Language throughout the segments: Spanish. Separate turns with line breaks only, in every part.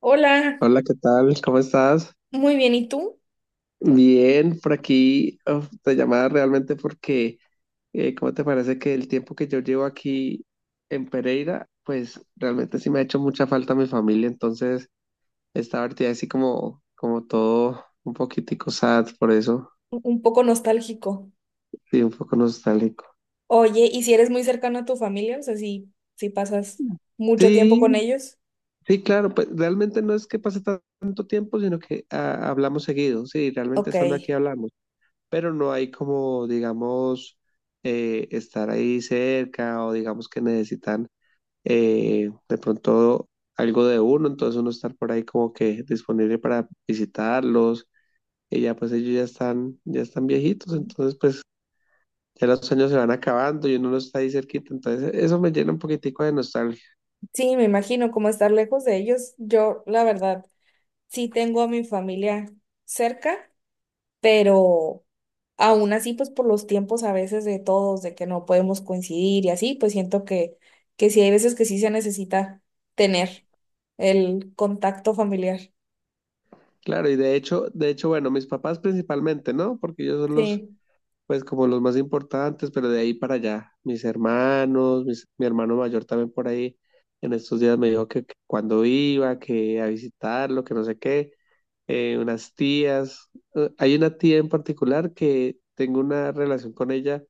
Hola,
Hola, ¿qué tal? ¿Cómo estás?
muy bien, ¿y tú?
Bien, por aquí uf, te llamaba realmente porque, ¿cómo te parece que el tiempo que yo llevo aquí en Pereira, pues realmente sí me ha hecho mucha falta mi familia? Entonces estaba ahorita así como, como todo un poquitico sad por eso,
Un poco nostálgico.
sí, un poco nostálgico.
Oye, ¿y si eres muy cercano a tu familia? O sea, si pasas mucho tiempo con
Sí,
ellos.
sí, claro, pues realmente no es que pase tanto tiempo, sino que hablamos seguido, sí, realmente
Ok.
estando aquí hablamos. Pero no hay como, digamos, estar ahí cerca o digamos que necesitan de pronto algo de uno, entonces uno estar por ahí como que disponible para visitarlos, y ya pues ellos ya están viejitos, entonces pues ya los años se van acabando y uno no está ahí cerquita, entonces eso me llena un poquitico de nostalgia.
Sí, me imagino como estar lejos de ellos. Yo, la verdad, sí tengo a mi familia cerca, pero aún así, pues por los tiempos a veces de todos, de que no podemos coincidir y así, pues siento que sí hay veces que sí se necesita tener el contacto familiar.
Claro, y de hecho, bueno, mis papás principalmente, ¿no? Porque ellos son los
Sí.
pues como los más importantes, pero de ahí para allá, mis hermanos, mi hermano mayor también por ahí, en estos días me dijo que cuando iba, que a visitarlo, que no sé qué, unas tías. Hay una tía en particular que tengo una relación con ella,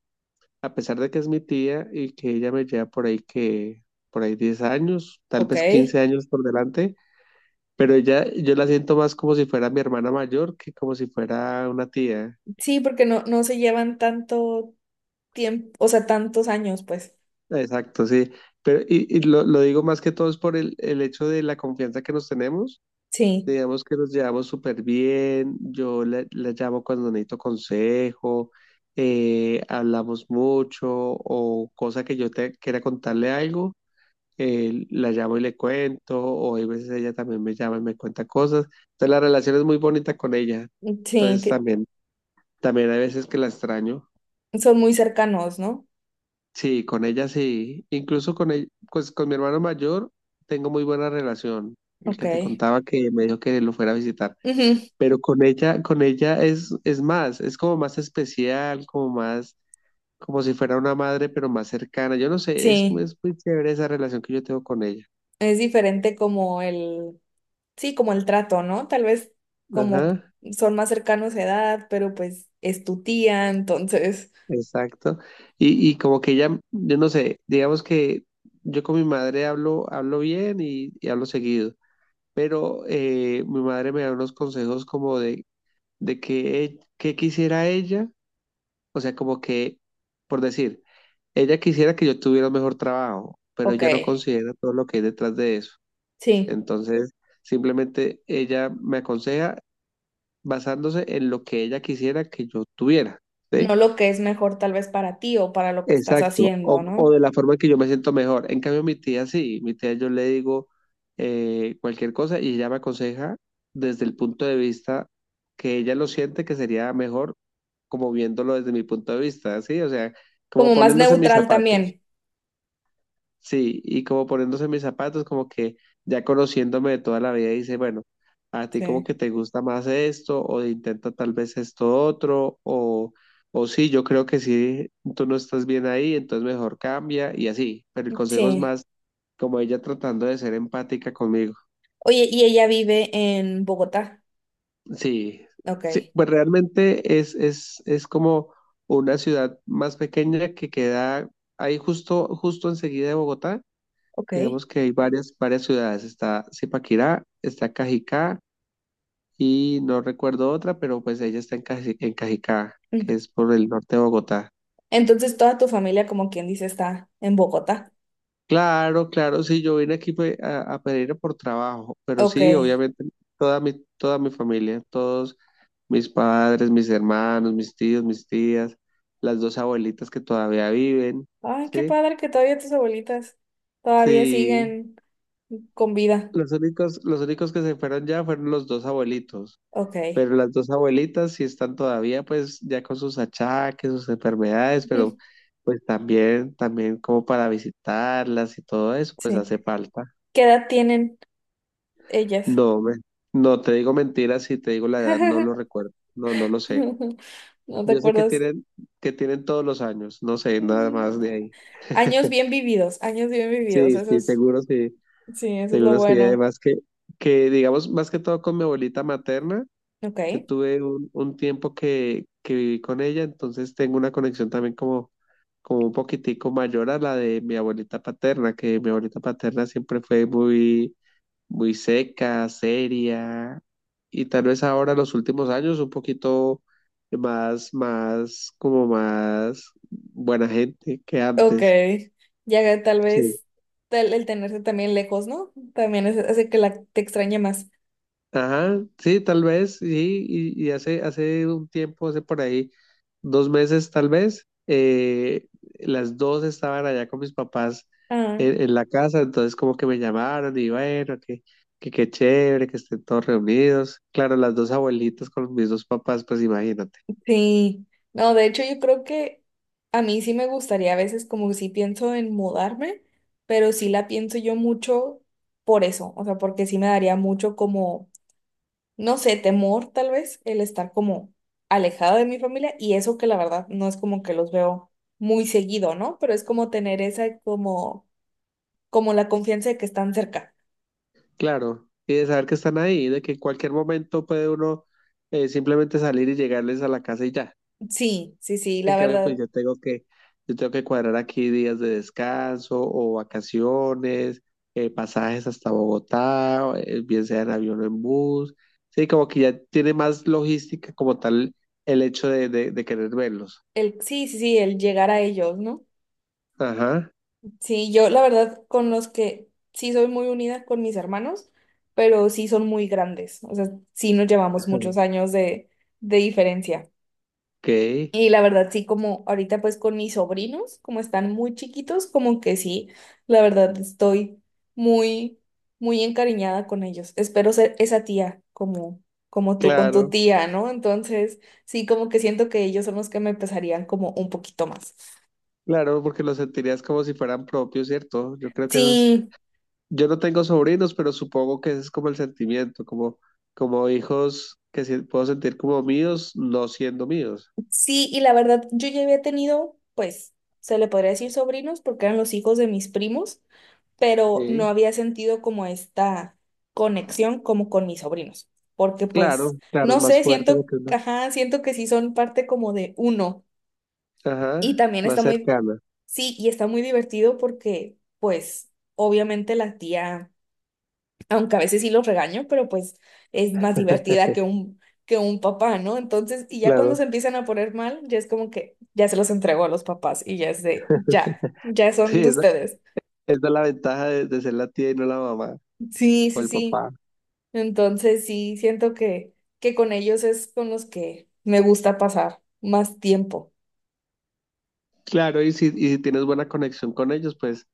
a pesar de que es mi tía y que ella me lleva por ahí que, por ahí 10 años, tal
Ok.
vez 15 años por delante, pero ella, yo la siento más como si fuera mi hermana mayor que como si fuera una tía.
Sí, porque no se llevan tanto tiempo, o sea, tantos años, pues.
Exacto, sí. Pero, y lo digo más que todo es por el hecho de la confianza que nos tenemos.
Sí,
Digamos que nos llevamos súper bien. Yo la, la llamo cuando necesito consejo, hablamos mucho o cosa que yo te quiera contarle algo, la llamo y le cuento. O hay veces ella también me llama y me cuenta cosas. Entonces la relación es muy bonita con ella.
mm,
Entonces también, también hay veces que la extraño.
son muy cercanos, ¿no?
Sí, con ella sí. Incluso con ella, pues con mi hermano mayor tengo muy buena relación. El que te
Ok.
contaba que me dijo que lo fuera a visitar.
Ujú.
Pero con ella es más, es como más especial, como más, como si fuera una madre, pero más cercana. Yo no sé, es,
Sí,
es muy chévere esa relación que yo tengo con ella.
es diferente como sí, como el trato, ¿no? Tal vez como
Ajá,
son más cercanos de edad, pero pues es tu tía, entonces,
exacto. Y como que ella, yo no sé, digamos que yo con mi madre hablo, hablo bien y hablo seguido, pero mi madre me da unos consejos como de que, que quisiera ella, o sea, como que, por decir, ella quisiera que yo tuviera un mejor trabajo, pero
ok,
ella no considera todo lo que hay detrás de eso.
sí,
Entonces, simplemente ella me aconseja basándose en lo que ella quisiera que yo tuviera,
no
¿sí?
lo que es mejor tal vez para ti o para lo que estás
Exacto,
haciendo,
o
¿no?
de la forma que yo me siento mejor. En cambio, mi tía sí, mi tía yo le digo cualquier cosa y ella me aconseja desde el punto de vista que ella lo siente que sería mejor como viéndolo desde mi punto de vista, ¿sí? O sea, como
Como más
poniéndose en mis
neutral
zapatos.
también.
Sí, y como poniéndose mis zapatos, como que ya conociéndome de toda la vida, dice, bueno, a ti como
Sí.
que te gusta más esto, o intenta tal vez esto otro, o sí, yo creo que sí, tú no estás bien ahí, entonces mejor cambia, y así. Pero el consejo es
Sí.
más como ella tratando de ser empática conmigo.
Oye, ¿y ella vive en Bogotá?
Sí,
Ok,
sí, pues realmente es como una ciudad más pequeña que queda ahí justo, justo enseguida de Bogotá.
ok.
Digamos que hay varias, varias ciudades. Está Zipaquirá, está Cajicá y no recuerdo otra, pero pues ella está en, en Cajicá, que
Mm.
es por el norte de Bogotá.
Entonces toda tu familia, como quien dice, está en Bogotá.
Claro, claro, sí, yo vine aquí fue a Pereira por trabajo, pero
Ok.
sí,
Ay,
obviamente toda mi familia, todos mis padres, mis hermanos, mis tíos, mis tías, las dos abuelitas que todavía viven,
qué
¿sí?
padre que todavía tus abuelitas todavía
Sí,
siguen con vida.
los únicos que se fueron ya fueron los dos abuelitos.
Ok.
Pero las dos abuelitas sí están todavía, pues, ya con sus achaques, sus enfermedades, pero
Ujú.
pues también, también como para visitarlas y todo eso, pues
Sí.
hace falta.
¿Qué edad tienen ellas?
No, me- no te digo mentiras, si te digo la edad, no lo recuerdo. No, no lo sé.
¿No te
Yo sé
acuerdas?
que tienen todos los años, no sé, nada
Mm.
más de ahí.
Años bien vividos, años bien vividos.
Sí,
Eso
sí,
es,
seguro sí,
sí, eso es lo
seguro sí.
bueno.
Además que digamos, más que todo con mi abuelita materna. Yo
Ok.
tuve un tiempo que viví con ella, entonces tengo una conexión también como, como un poquitico mayor a la de mi abuelita paterna, que mi abuelita paterna siempre fue muy, muy seca, seria, y tal vez ahora los últimos años un poquito más, más, como más buena gente que
Ok.
antes.
Ya tal
Sí.
vez el tenerse también lejos, ¿no? También hace que te extrañe más.
Ajá, sí, tal vez, sí, y hace, hace un tiempo, hace por ahí 2 meses tal vez, las dos estaban allá con mis papás
Ah,
en la casa, entonces como que me llamaron y bueno, que qué chévere, que estén todos reunidos. Claro, las dos abuelitas con mis dos papás, pues imagínate.
sí. No, de hecho yo creo que a mí sí me gustaría a veces como que sí pienso en mudarme, pero sí la pienso yo mucho por eso, o sea, porque sí me daría mucho como, no sé, temor tal vez el estar como alejado de mi familia y eso que la verdad no es como que los veo muy seguido, ¿no? Pero es como tener esa como, como la confianza de que están cerca.
Claro, y de saber que están ahí, de que en cualquier momento puede uno simplemente salir y llegarles a la casa y ya.
Sí, sí, sí,
En
la
cambio, pues
verdad.
yo tengo que cuadrar aquí días de descanso o vacaciones, pasajes hasta Bogotá, o, bien sea en avión o en bus. Sí, como que ya tiene más logística como tal el hecho de querer verlos.
El, sí, sí, sí, el llegar a ellos, ¿no?
Ajá.
Sí, yo la verdad con los que sí soy muy unida con mis hermanos, pero sí son muy grandes, o sea, sí nos llevamos muchos años de diferencia.
Ok,
Y la verdad sí como ahorita pues con mis sobrinos, como están muy chiquitos, como que sí, la verdad estoy muy, muy encariñada con ellos. Espero ser esa tía como, como tú con tu
claro,
tía, ¿no? Entonces sí como que siento que ellos son los que me pesarían como un poquito más.
claro, porque los sentirías como si fueran propios, ¿cierto? Yo creo que esos,
Sí.
yo no tengo sobrinos, pero supongo que ese es como el sentimiento, como, como hijos que puedo sentir como míos, no siendo míos.
Sí, y la verdad, yo ya había tenido, pues, se le podría decir sobrinos, porque eran los hijos de mis primos, pero no
Sí.
había sentido como esta conexión como con mis sobrinos, porque
Claro,
pues,
claro, es
no
más
sé,
fuerte
siento,
porque es más,
ajá, siento que sí son parte como de uno. Y
ajá,
también
más
está muy,
cercana,
sí, y está muy divertido porque, pues, obviamente la tía aunque a veces sí los regaño, pero pues es más divertida que que un papá, ¿no? Entonces, y ya cuando
claro.
se empiezan a poner mal, ya es como que ya se los entregó a los papás y ya es de, ya, ya son
Sí,
de
esa,
ustedes.
esa es la ventaja de ser la tía y no la mamá
Sí,
o
sí,
el
sí.
papá.
Entonces, sí, siento que con ellos es con los que me gusta pasar más tiempo.
Claro, y si tienes buena conexión con ellos, pues,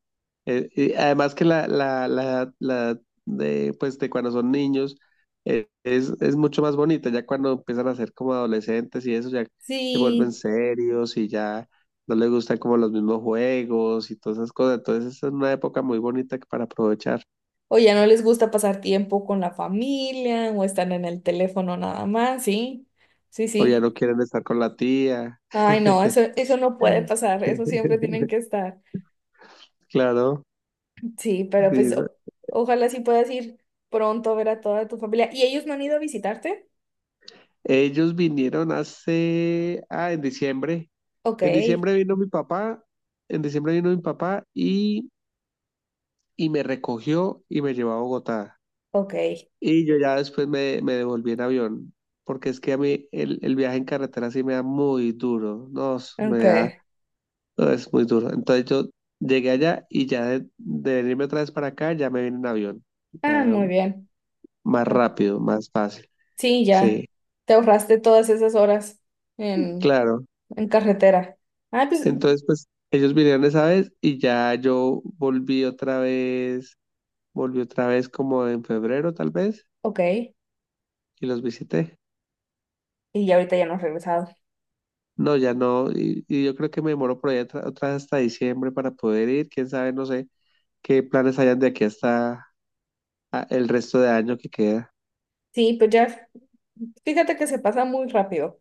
y además que la de, pues, de cuando son niños es mucho más bonita, ya cuando empiezan a ser como adolescentes y eso, ya se vuelven
Sí,
serios y ya no les gustan como los mismos juegos y todas esas cosas. Entonces, es una época muy bonita para aprovechar.
o ya no les gusta pasar tiempo con la familia o están en el teléfono nada más, sí, sí,
O
sí.
ya no quieren estar con la tía.
Ay, no, eso no puede pasar, eso siempre tienen que estar.
Claro,
Sí, pero pues
dice,
ojalá sí puedas ir pronto a ver a toda tu familia. ¿Y ellos no han ido a visitarte?
ellos vinieron hace, en diciembre.
Ok,
En diciembre vino mi papá, en diciembre vino mi papá y me recogió y me llevó a Bogotá.
ok,
Y yo ya después me, me devolví en avión, porque es que a mí el viaje en carretera sí me da muy duro, no, me
ok.
da, no, es muy duro. Entonces yo llegué allá y ya de venirme otra vez para acá, ya me vine en avión.
Ah,
Ya
muy bien.
más
Ah,
rápido, más fácil.
sí, ya.
Sí,
Te ahorraste todas esas horas en,
claro.
en carretera. Ah, pues,
Entonces, pues ellos vinieron esa vez y ya yo volví otra vez como en febrero tal vez
ok.
y los visité.
Y ya ahorita ya no has regresado.
No, ya no, y yo creo que me demoro por ahí otra, otra vez hasta diciembre para poder ir, quién sabe, no sé qué planes hayan de aquí hasta el resto de año que queda.
Sí, pues ya, fíjate que se pasa muy rápido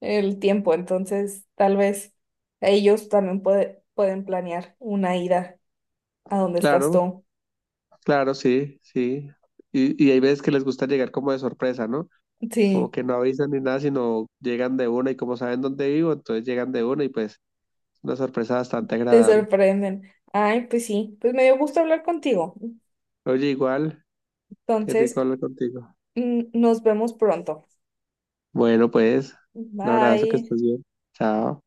el tiempo, entonces tal vez ellos también pueden planear una ida a donde estás
Claro,
tú.
claro, sí, sí. Y hay veces que les gusta llegar como de sorpresa, ¿no? Como
Sí.
que no avisan ni nada, sino llegan de una y como saben dónde vivo, entonces llegan de una y pues es una sorpresa bastante
Te
agradable.
sorprenden. Ay, pues sí, pues me dio gusto hablar contigo.
Oye, igual, qué rico
Entonces,
hablar contigo.
mm, nos vemos pronto.
Bueno, pues, un abrazo, que
Bye.
estés bien. Chao.